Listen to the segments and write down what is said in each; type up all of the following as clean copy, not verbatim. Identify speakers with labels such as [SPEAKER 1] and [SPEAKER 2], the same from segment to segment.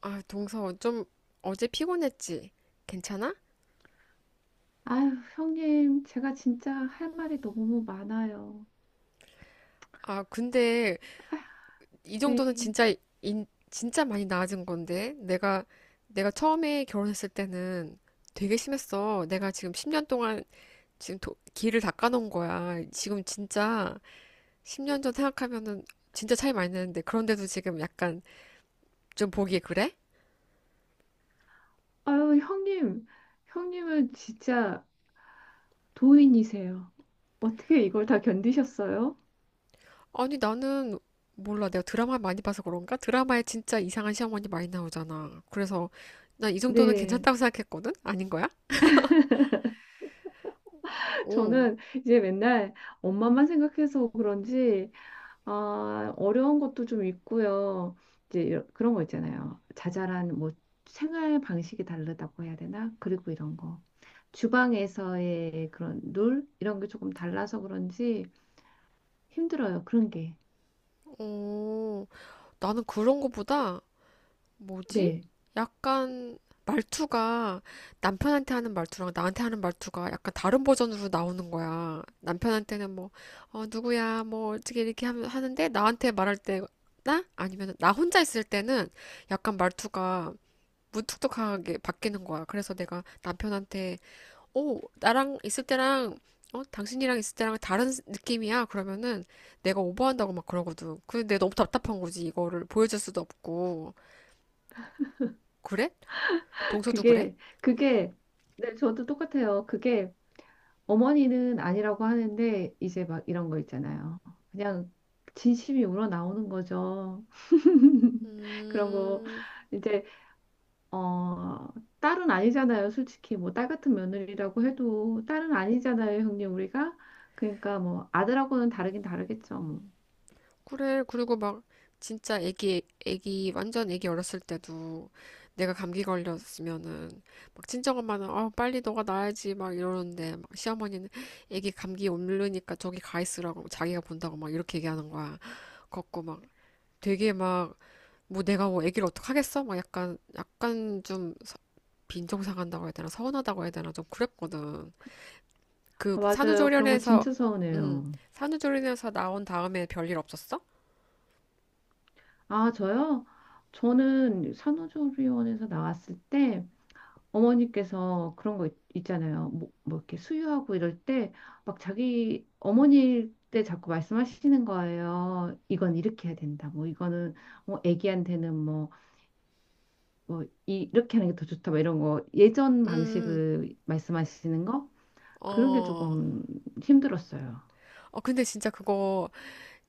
[SPEAKER 1] 동서, 좀 어제 피곤했지? 괜찮아?
[SPEAKER 2] 아유, 형님, 제가 진짜 할 말이 너무 많아요.
[SPEAKER 1] 근데 이 정도는
[SPEAKER 2] 네.
[SPEAKER 1] 진짜 많이 나아진 건데. 내가 처음에 결혼했을 때는 되게 심했어. 내가 지금 10년 동안 길을 닦아놓은 거야. 지금 진짜 10년 전 생각하면은 진짜 차이 많이 나는데. 그런데도 지금 약간 좀 보기에 그래?
[SPEAKER 2] 아유, 형님, 형님은 진짜 도인이세요. 어떻게 이걸 다 견디셨어요?
[SPEAKER 1] 아니, 나는 몰라. 내가 드라마 많이 봐서 그런가? 드라마에 진짜 이상한 시어머니 많이 나오잖아. 그래서 나 이 정도는
[SPEAKER 2] 네.
[SPEAKER 1] 괜찮다고 생각했거든? 아닌 거야? 어,
[SPEAKER 2] 저는 이제 맨날 엄마만 생각해서 그런지, 아, 어려운 것도 좀 있고요. 이제 그런 거 있잖아요. 자잘한 뭐 생활 방식이 다르다고 해야 되나? 그리고 이런 거. 주방에서의 그런 룰? 이런 게 조금 달라서 그런지, 힘들어요. 그런 게.
[SPEAKER 1] 어, 나는 그런 거보다, 뭐지?
[SPEAKER 2] 네.
[SPEAKER 1] 약간 말투가 남편한테 하는 말투랑 나한테 하는 말투가 약간 다른 버전으로 나오는 거야. 남편한테는 뭐, 누구야, 뭐, 하는데 나한테 말할 때, 나? 아니면 나 혼자 있을 때는 약간 말투가 무뚝뚝하게 바뀌는 거야. 그래서 내가 남편한테, 오, 나랑 있을 때랑, 당신이랑 있을 때랑 다른 느낌이야. 그러면은 내가 오버한다고 막 그러거든. 근데 내가 너무 답답한 거지. 이거를 보여줄 수도 없고. 그래? 동서도 그래?
[SPEAKER 2] 그게, 그게, 네, 저도 똑같아요. 그게 어머니는 아니라고 하는데, 이제 막 이런 거 있잖아요. 그냥 진심이 우러나오는 거죠. 그런 거,
[SPEAKER 1] 음.
[SPEAKER 2] 이제, 어, 딸은 아니잖아요. 솔직히, 뭐, 딸 같은 며느리라고 해도, 딸은 아니잖아요, 형님, 우리가. 그러니까 뭐, 아들하고는 다르긴 다르겠죠. 뭐.
[SPEAKER 1] 그래, 그리고 막 진짜 완전 애기 어렸을 때도 내가 감기 걸렸으면은 막 친정엄마는 빨리 너가 나아야지 막 이러는데 막 시어머니는 애기 감기 옮르니까 저기 가 있으라고 자기가 본다고 막 이렇게 얘기하는 거야. 걷고 막 되게 막 뭐 내가 뭐 애기를 어떡하겠어? 막 약간 빈정상한다고 해야 되나 서운하다고 해야 되나 좀 그랬거든. 그
[SPEAKER 2] 아, 맞아요. 그런 거
[SPEAKER 1] 산후조리원에서,
[SPEAKER 2] 진짜
[SPEAKER 1] 음,
[SPEAKER 2] 서운해요.
[SPEAKER 1] 산후조리원에서 나온 다음에 별일 없었어?
[SPEAKER 2] 아, 저요? 저는 산후조리원에서 나왔을 때 어머니께서 그런 거 있잖아요. 뭐 이렇게 수유하고 이럴 때 막 자기 어머니 때 자꾸 말씀하시는 거예요. 이건 이렇게 해야 된다. 뭐 이거는 뭐 애기한테는 뭐, 뭐 이렇게 하는 게 더 좋다. 뭐 이런 거 예전
[SPEAKER 1] 음.
[SPEAKER 2] 방식을 말씀하시는 거. 그런 게
[SPEAKER 1] 어,
[SPEAKER 2] 조금 힘들었어요.
[SPEAKER 1] 근데 진짜 그거,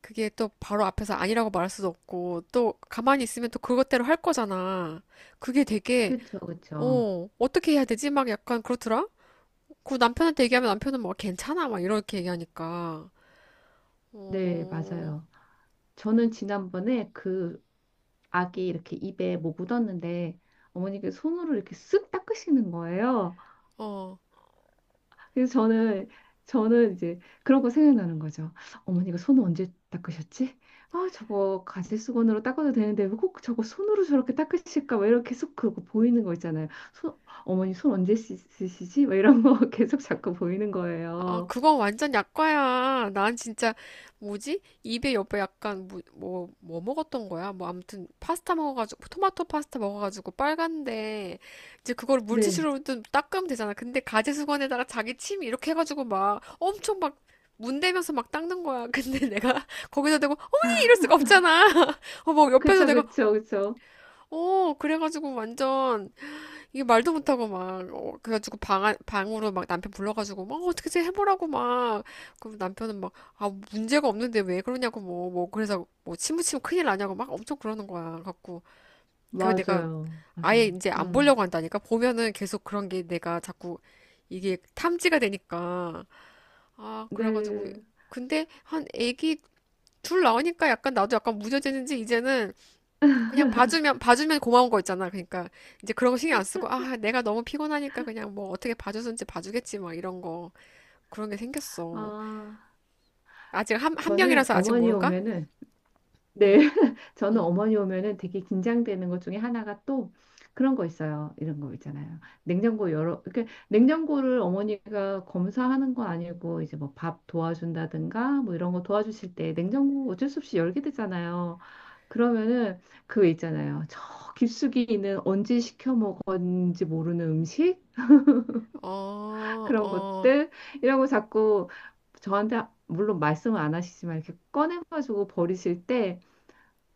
[SPEAKER 1] 그게 또 바로 앞에서 아니라고 말할 수도 없고, 또 가만히 있으면 또 그것대로 할 거잖아. 그게 되게,
[SPEAKER 2] 그쵸, 그쵸.
[SPEAKER 1] 어, 어떻게 해야 되지? 막 약간 그렇더라? 그 남편한테 얘기하면 남편은 막 괜찮아? 막 이렇게 얘기하니까.
[SPEAKER 2] 네,
[SPEAKER 1] 어,
[SPEAKER 2] 맞아요. 저는 지난번에 그 악이 이렇게 입에 뭐 묻었는데 어머니께 손으로 이렇게 쓱 닦으시는 거예요.
[SPEAKER 1] 어.
[SPEAKER 2] 그래서 저는 이제 그런 거 생각나는 거죠. 어머니가 손을 언제 닦으셨지? 아, 저거 가지수건으로 닦아도 되는데 왜 꼭 저거 손으로 저렇게 닦으실까? 막 이렇게 계속 그러고 보이는 거 있잖아요. 손, 어머니 손 언제 씻으시지? 막 이런 거 계속 자꾸 보이는
[SPEAKER 1] 아,
[SPEAKER 2] 거예요.
[SPEAKER 1] 그건 완전 약과야. 난 진짜, 뭐지? 입에 옆에 약간, 뭐 먹었던 거야? 뭐, 아무튼, 토마토 파스타 먹어가지고, 빨간데, 이제 그걸
[SPEAKER 2] 네.
[SPEAKER 1] 물티슈로 좀 닦으면 되잖아. 근데 가제수건에다가 자기 침 이렇게 해가지고 막, 엄청 막, 문대면서 막 닦는 거야. 근데 내가 거기다 대고, 어머니! 이럴 수가 없잖아. 어, 뭐, 옆에서
[SPEAKER 2] 그쵸,
[SPEAKER 1] 내가,
[SPEAKER 2] 그쵸, 그쵸.
[SPEAKER 1] 어, 그래가지고 완전, 이게 말도 못하고 막, 어, 그래가지고 방, 안- 방으로 막 남편 불러가지고, 막, 어, 어떻게 좀 해보라고 막. 그럼 남편은 막, 아, 문제가 없는데 왜 그러냐고 그래서 뭐, 침무치면 큰일 나냐고 막 엄청 그러는 거야. 갖고. 그래서 내가
[SPEAKER 2] 맞아요. 맞아.
[SPEAKER 1] 아예 이제 안
[SPEAKER 2] 음.
[SPEAKER 1] 보려고 한다니까? 보면은 계속 그런 게 내가 자꾸 이게 탐지가 되니까. 아, 그래가지고.
[SPEAKER 2] 네.
[SPEAKER 1] 근데 한 애기 둘 나오니까 약간 나도 약간 무뎌지는지 이제는 그냥 봐주면 고마운 거 있잖아. 그러니까 이제 그런 거 신경 안 쓰고 아 내가 너무 피곤하니까 그냥 뭐 어떻게 봐줬는지 봐주겠지 막 이런 거 그런 게 생겼어.
[SPEAKER 2] 아,
[SPEAKER 1] 아직 한
[SPEAKER 2] 저는
[SPEAKER 1] 명이라서 아직
[SPEAKER 2] 어머니
[SPEAKER 1] 모른가?
[SPEAKER 2] 오면은. 네, 저는 어머니 오면은 되게 긴장되는 것 중에 하나가 또 그런 거 있어요. 이런 거 있잖아요. 냉장고 열어, 이렇게 냉장고를 어머니가 검사하는 건 아니고 이제 뭐 밥 도와준다든가 뭐 이런 거 도와주실 때 냉장고 어쩔 수 없이 열게 되잖아요. 그러면은 그거 있잖아요. 저 깊숙이 있는 언제 시켜 먹었는지 모르는 음식
[SPEAKER 1] 어,
[SPEAKER 2] 그런
[SPEAKER 1] 어.
[SPEAKER 2] 것들 이라고 자꾸 저한테 물론 말씀을 안 하시지만 이렇게 꺼내가지고 버리실 때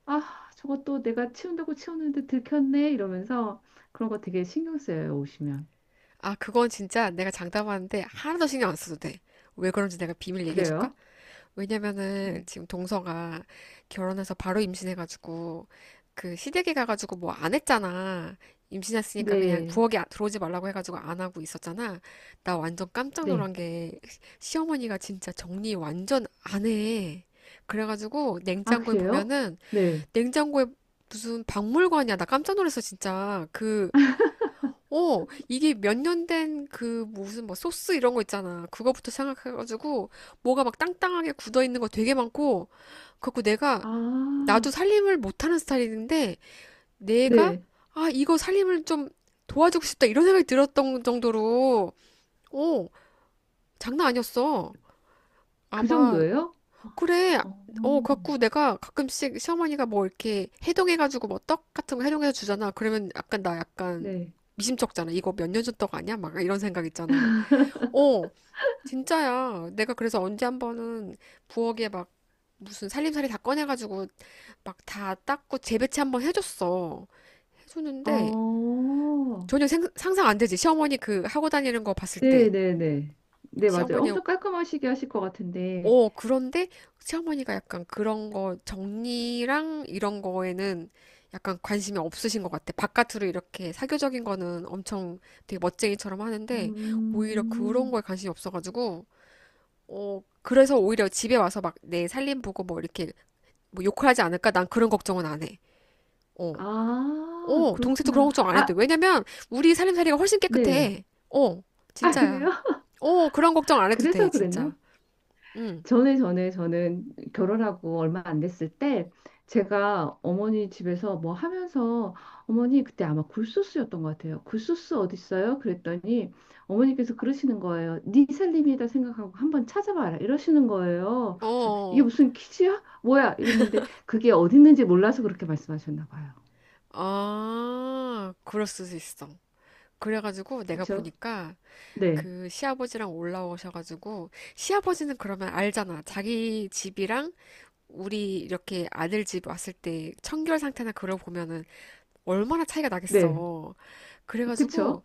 [SPEAKER 2] 아, 저것도 내가 치운다고 치웠는데 들켰네 이러면서 그런 거 되게 신경 쓰여요, 오시면.
[SPEAKER 1] 아 그건 진짜 내가 장담하는데 하나도 신경 안 써도 돼. 왜 그런지 내가 비밀 얘기해 줄까?
[SPEAKER 2] 그래요? 네.
[SPEAKER 1] 왜냐면은 지금 동서가 결혼해서 바로 임신해가지고 그 시댁에 가가지고 뭐 안 했잖아. 임신했으니까 그냥
[SPEAKER 2] 네.
[SPEAKER 1] 부엌에 아- 들어오지 말라고 해가지고 안 하고 있었잖아. 나 완전 깜짝
[SPEAKER 2] 네.
[SPEAKER 1] 놀란 게 시어머니가 진짜 정리 완전 안 해. 그래가지고
[SPEAKER 2] 아,
[SPEAKER 1] 냉장고에
[SPEAKER 2] 그래요?
[SPEAKER 1] 보면은
[SPEAKER 2] 네.
[SPEAKER 1] 냉장고에 무슨 박물관이야. 나 깜짝 놀랐어, 진짜. 그 어, 이게 몇 년 된 그 무슨 뭐 소스 이런 거 있잖아. 그거부터 생각해가지고 뭐가 막 땅땅하게 굳어 있는 거 되게 많고, 그래갖고 내가 나도
[SPEAKER 2] 아,
[SPEAKER 1] 살림을 못하는 스타일인데 내가
[SPEAKER 2] 네.
[SPEAKER 1] 아 이거 살림을 좀 도와주고 싶다 이런 생각이 들었던 정도로 어 장난 아니었어.
[SPEAKER 2] 그
[SPEAKER 1] 아마
[SPEAKER 2] 정도예요?
[SPEAKER 1] 그래.
[SPEAKER 2] 아,
[SPEAKER 1] 어,
[SPEAKER 2] 어,
[SPEAKER 1] 갖고 내가 가끔씩 시어머니가 뭐 이렇게 해동해가지고 뭐 떡 같은 거 해동해서 주잖아. 그러면 약간 나 약간
[SPEAKER 2] 네.
[SPEAKER 1] 미심쩍잖아. 이거 몇 년 전 떡 아니야? 막 이런 생각 있잖아. 어, 진짜야. 내가 그래서 언제 한 번은 부엌에 막 무슨 살림살이 다 꺼내가지고 막 다 닦고 재배치 한번 해줬어. 해줬는데
[SPEAKER 2] 어,
[SPEAKER 1] 전혀 상상 안 되지. 시어머니 그 하고 다니는 거 봤을 때.
[SPEAKER 2] 네, 네, 네. 네, 맞아요.
[SPEAKER 1] 시어머니
[SPEAKER 2] 엄청 깔끔하시게 하실 것 같은데.
[SPEAKER 1] 어, 그런데 시어머니가 약간 그런 거 정리랑 이런 거에는 약간 관심이 없으신 것 같아. 바깥으로 이렇게 사교적인 거는 엄청 되게 멋쟁이처럼 하는데 오히려 그런
[SPEAKER 2] 음,
[SPEAKER 1] 거에 관심이 없어가지고 어, 그래서 오히려 집에 와서 막 내 살림 보고 뭐 이렇게 뭐 욕을 하지 않을까? 난 그런 걱정은 안 해. 어,
[SPEAKER 2] 아,
[SPEAKER 1] 어, 동생도 그런
[SPEAKER 2] 그렇구나.
[SPEAKER 1] 걱정 안 해도 돼.
[SPEAKER 2] 아,
[SPEAKER 1] 왜냐면 우리 살림살이가 훨씬
[SPEAKER 2] 네.
[SPEAKER 1] 깨끗해. 어,
[SPEAKER 2] 아,
[SPEAKER 1] 진짜야.
[SPEAKER 2] 그래요?
[SPEAKER 1] 어, 그런 걱정 안 해도 돼,
[SPEAKER 2] 그래서 그랬나?
[SPEAKER 1] 진짜. 응,
[SPEAKER 2] 전에 저는 결혼하고 얼마 안 됐을 때 제가 어머니 집에서 뭐 하면서, 어머니 그때 아마 굴소스였던 것 같아요. 굴소스 어디 있어요? 그랬더니 어머니께서 그러시는 거예요. 네 살림이다 생각하고 한번 찾아봐라 이러시는 거예요. 그래서 이게
[SPEAKER 1] 어.
[SPEAKER 2] 무슨 퀴즈야? 뭐야? 이랬는데 그게 어디 있는지 몰라서 그렇게 말씀하셨나 봐요.
[SPEAKER 1] 아, 그럴 수도 있어. 그래가지고 내가
[SPEAKER 2] 그쵸?
[SPEAKER 1] 보니까
[SPEAKER 2] 네,
[SPEAKER 1] 그 시아버지랑 올라오셔가지고 시아버지는 그러면 알잖아. 자기 집이랑 우리 이렇게 아들 집 왔을 때 청결 상태나 그런 거 보면은 얼마나 차이가
[SPEAKER 2] 네,
[SPEAKER 1] 나겠어. 그래가지고
[SPEAKER 2] 그쵸?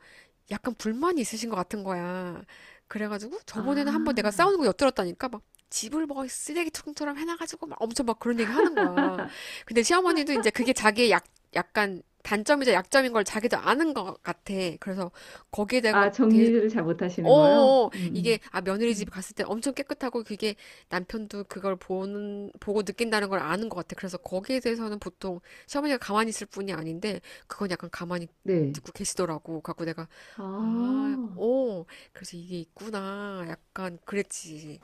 [SPEAKER 1] 약간 불만이 있으신 것 같은 거야. 그래가지고 저번에는 한번 내가
[SPEAKER 2] 아,
[SPEAKER 1] 싸우는 거 엿들었다니까 막 집을 뭐 쓰레기통처럼 해놔가지고 막 엄청 막 그런 얘기 하는 거야. 근데 시어머니도 이제 그게 자기의 약간 단점이자 약점인 걸 자기도 아는 것 같아. 그래서 거기에 대해서
[SPEAKER 2] 아 정리를 잘 못하시는 거요?
[SPEAKER 1] 어, 이게, 아, 며느리 집
[SPEAKER 2] 음.
[SPEAKER 1] 갔을 때 엄청 깨끗하고 그게 남편도 보고 느낀다는 걸 아는 것 같아. 그래서 거기에 대해서는 보통 시어머니가 가만히 있을 뿐이 아닌데, 그건 약간 가만히
[SPEAKER 2] 네.
[SPEAKER 1] 듣고 계시더라고. 갖고 내가,
[SPEAKER 2] 아,
[SPEAKER 1] 아, 어, 그래서 이게 있구나. 약간 그랬지.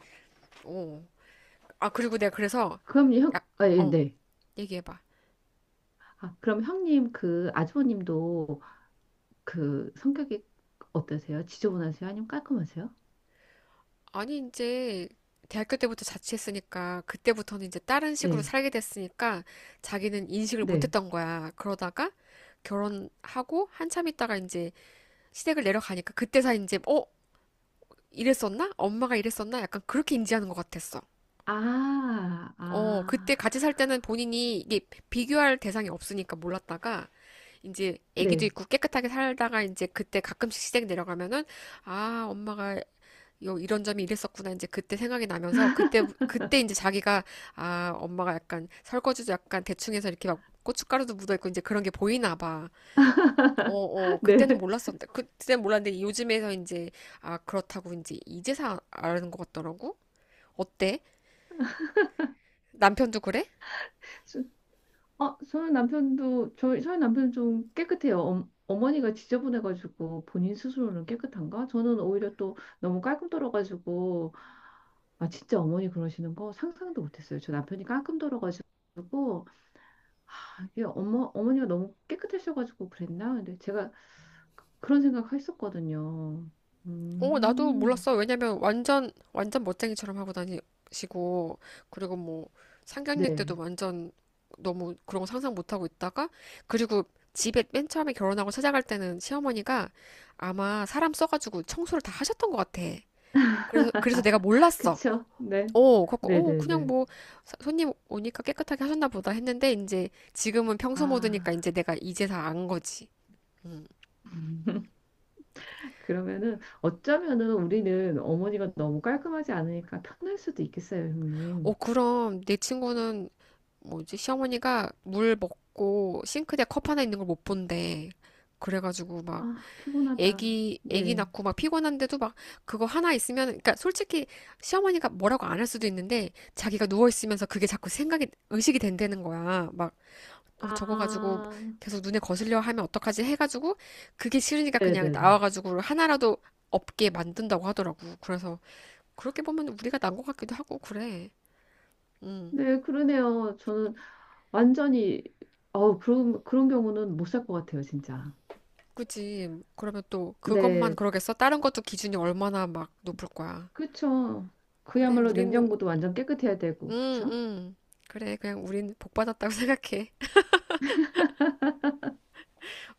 [SPEAKER 1] 어. 아, 그리고 내가 그래서, 약,
[SPEAKER 2] 아, 예,
[SPEAKER 1] 어,
[SPEAKER 2] 네.
[SPEAKER 1] 얘기해봐.
[SPEAKER 2] 아, 그럼 형님 그 아주버님도 그 성격이 어떠세요? 지저분하세요? 아니면 깔끔하세요?
[SPEAKER 1] 아니, 이제 대학교 때부터 자취했으니까 그때부터는 이제 다른 식으로
[SPEAKER 2] 네,
[SPEAKER 1] 살게 됐으니까 자기는 인식을
[SPEAKER 2] 네.
[SPEAKER 1] 못했던 거야. 그러다가 결혼하고 한참 있다가 이제 시댁을 내려가니까 그때서 이제 어? 이랬었나? 엄마가 이랬었나? 약간 그렇게 인지하는 것 같았어.
[SPEAKER 2] 아,
[SPEAKER 1] 어, 그때
[SPEAKER 2] 아,
[SPEAKER 1] 같이 살 때는 본인이 이게 비교할 대상이 없으니까 몰랐다가 이제 아기도
[SPEAKER 2] 네,
[SPEAKER 1] 있고 깨끗하게 살다가 이제 그때 가끔씩 시댁 내려가면은 아, 엄마가 요 이런 점이 이랬었구나 이제 그때 생각이 나면서 그때 이제 자기가 아 엄마가 약간 설거지도 약간 대충해서 이렇게 막 고춧가루도 묻어 있고 이제 그런 게 보이나 봐. 어, 어,
[SPEAKER 2] 네.
[SPEAKER 1] 그때는 몰랐는데 요즘에서 이제 아 그렇다고 이제 이제서 아는 것 같더라고. 어때? 남편도 그래?
[SPEAKER 2] 수- 어, 저희 남편도 저희 남편 좀 깨끗해요. 어, 어머니가 지저분해가지고 본인 스스로는 깨끗한가? 저는 오히려 또 너무 깔끔 떨어가지고. 아 진짜 어머니 그러시는 거 상상도 못했어요. 저 남편이 깔끔 떨어가지고. 아, 이게 어머니가 너무 깨끗하셔가지고 그랬나? 근데 제가 그런 생각 했었거든요.
[SPEAKER 1] 어, 나도
[SPEAKER 2] 음,
[SPEAKER 1] 몰랐어. 왜냐면 완전 멋쟁이처럼 하고 다니시고, 그리고 뭐, 상견례 때도
[SPEAKER 2] 네.
[SPEAKER 1] 완전 너무 그런 거 상상 못 하고 있다가, 그리고 집에 맨 처음에 결혼하고 찾아갈 때는 시어머니가 아마 사람 써가지고 청소를 다 하셨던 것 같아. 그래서 내가 몰랐어.
[SPEAKER 2] 그쵸? 네.
[SPEAKER 1] 어, 갖고, 어, 그냥
[SPEAKER 2] 네네네.
[SPEAKER 1] 뭐, 손님 오니까 깨끗하게 하셨나 보다 했는데, 이제 지금은 평소 모드니까
[SPEAKER 2] 아,
[SPEAKER 1] 이제 내가 이제 다 안 거지. 음.
[SPEAKER 2] 그러면은 어쩌면은 우리는 어머니가 너무 깔끔하지 않으니까 편할 수도 있겠어요,
[SPEAKER 1] 어,
[SPEAKER 2] 형님.
[SPEAKER 1] 그럼 내 친구는 뭐지, 시어머니가 물 먹고 싱크대 컵 하나 있는 걸 못 본대. 그래가지고 막
[SPEAKER 2] 아, 피곤하다.
[SPEAKER 1] 애기
[SPEAKER 2] 네.
[SPEAKER 1] 낳고 막 피곤한데도 막 그거 하나 있으면 그러니까 솔직히 시어머니가 뭐라고 안 할 수도 있는데 자기가 누워 있으면서 그게 자꾸 생각이 의식이 된다는 거야. 막 어, 저거 가지고
[SPEAKER 2] 아,
[SPEAKER 1] 계속 눈에 거슬려 하면 어떡하지 해가지고 그게 싫으니까 그냥
[SPEAKER 2] 네네네.
[SPEAKER 1] 나와가지고 하나라도 없게 만든다고 하더라고. 그래서 그렇게 보면 우리가 난 것 같기도 하고 그래. 음.
[SPEAKER 2] 네, 그러네요. 저는 완전히, 어, 그런 경우는 못 살 것 같아요, 진짜.
[SPEAKER 1] 그지. 그러면 또 그것만
[SPEAKER 2] 네,
[SPEAKER 1] 그러겠어? 다른 것도 기준이 얼마나 막 높을 거야.
[SPEAKER 2] 그쵸.
[SPEAKER 1] 그래,
[SPEAKER 2] 그야말로
[SPEAKER 1] 우리는,
[SPEAKER 2] 냉장고도 완전 깨끗해야 되고,
[SPEAKER 1] 응,
[SPEAKER 2] 그쵸?
[SPEAKER 1] 응. 그래, 그냥 우린 복 받았다고 생각해.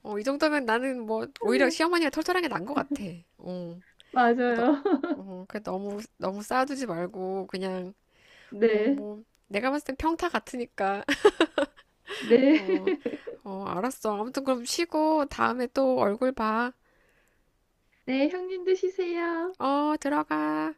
[SPEAKER 1] 어, 이 정도면 나는 뭐, 오히려
[SPEAKER 2] 네,
[SPEAKER 1] 시어머니가 털털한 게 난 것 같아. 어, 그래, 너,
[SPEAKER 2] 맞아요.
[SPEAKER 1] 어, 그래, 너무 쌓아두지 말고, 그냥, 어,
[SPEAKER 2] 네,
[SPEAKER 1] 뭐, 내가 봤을 땐 평타 같으니까.
[SPEAKER 2] 네,
[SPEAKER 1] 어, 어, 알았어. 아무튼 그럼 쉬고, 다음에 또 얼굴 봐.
[SPEAKER 2] 네, 형님도 쉬세요.
[SPEAKER 1] 어, 들어가.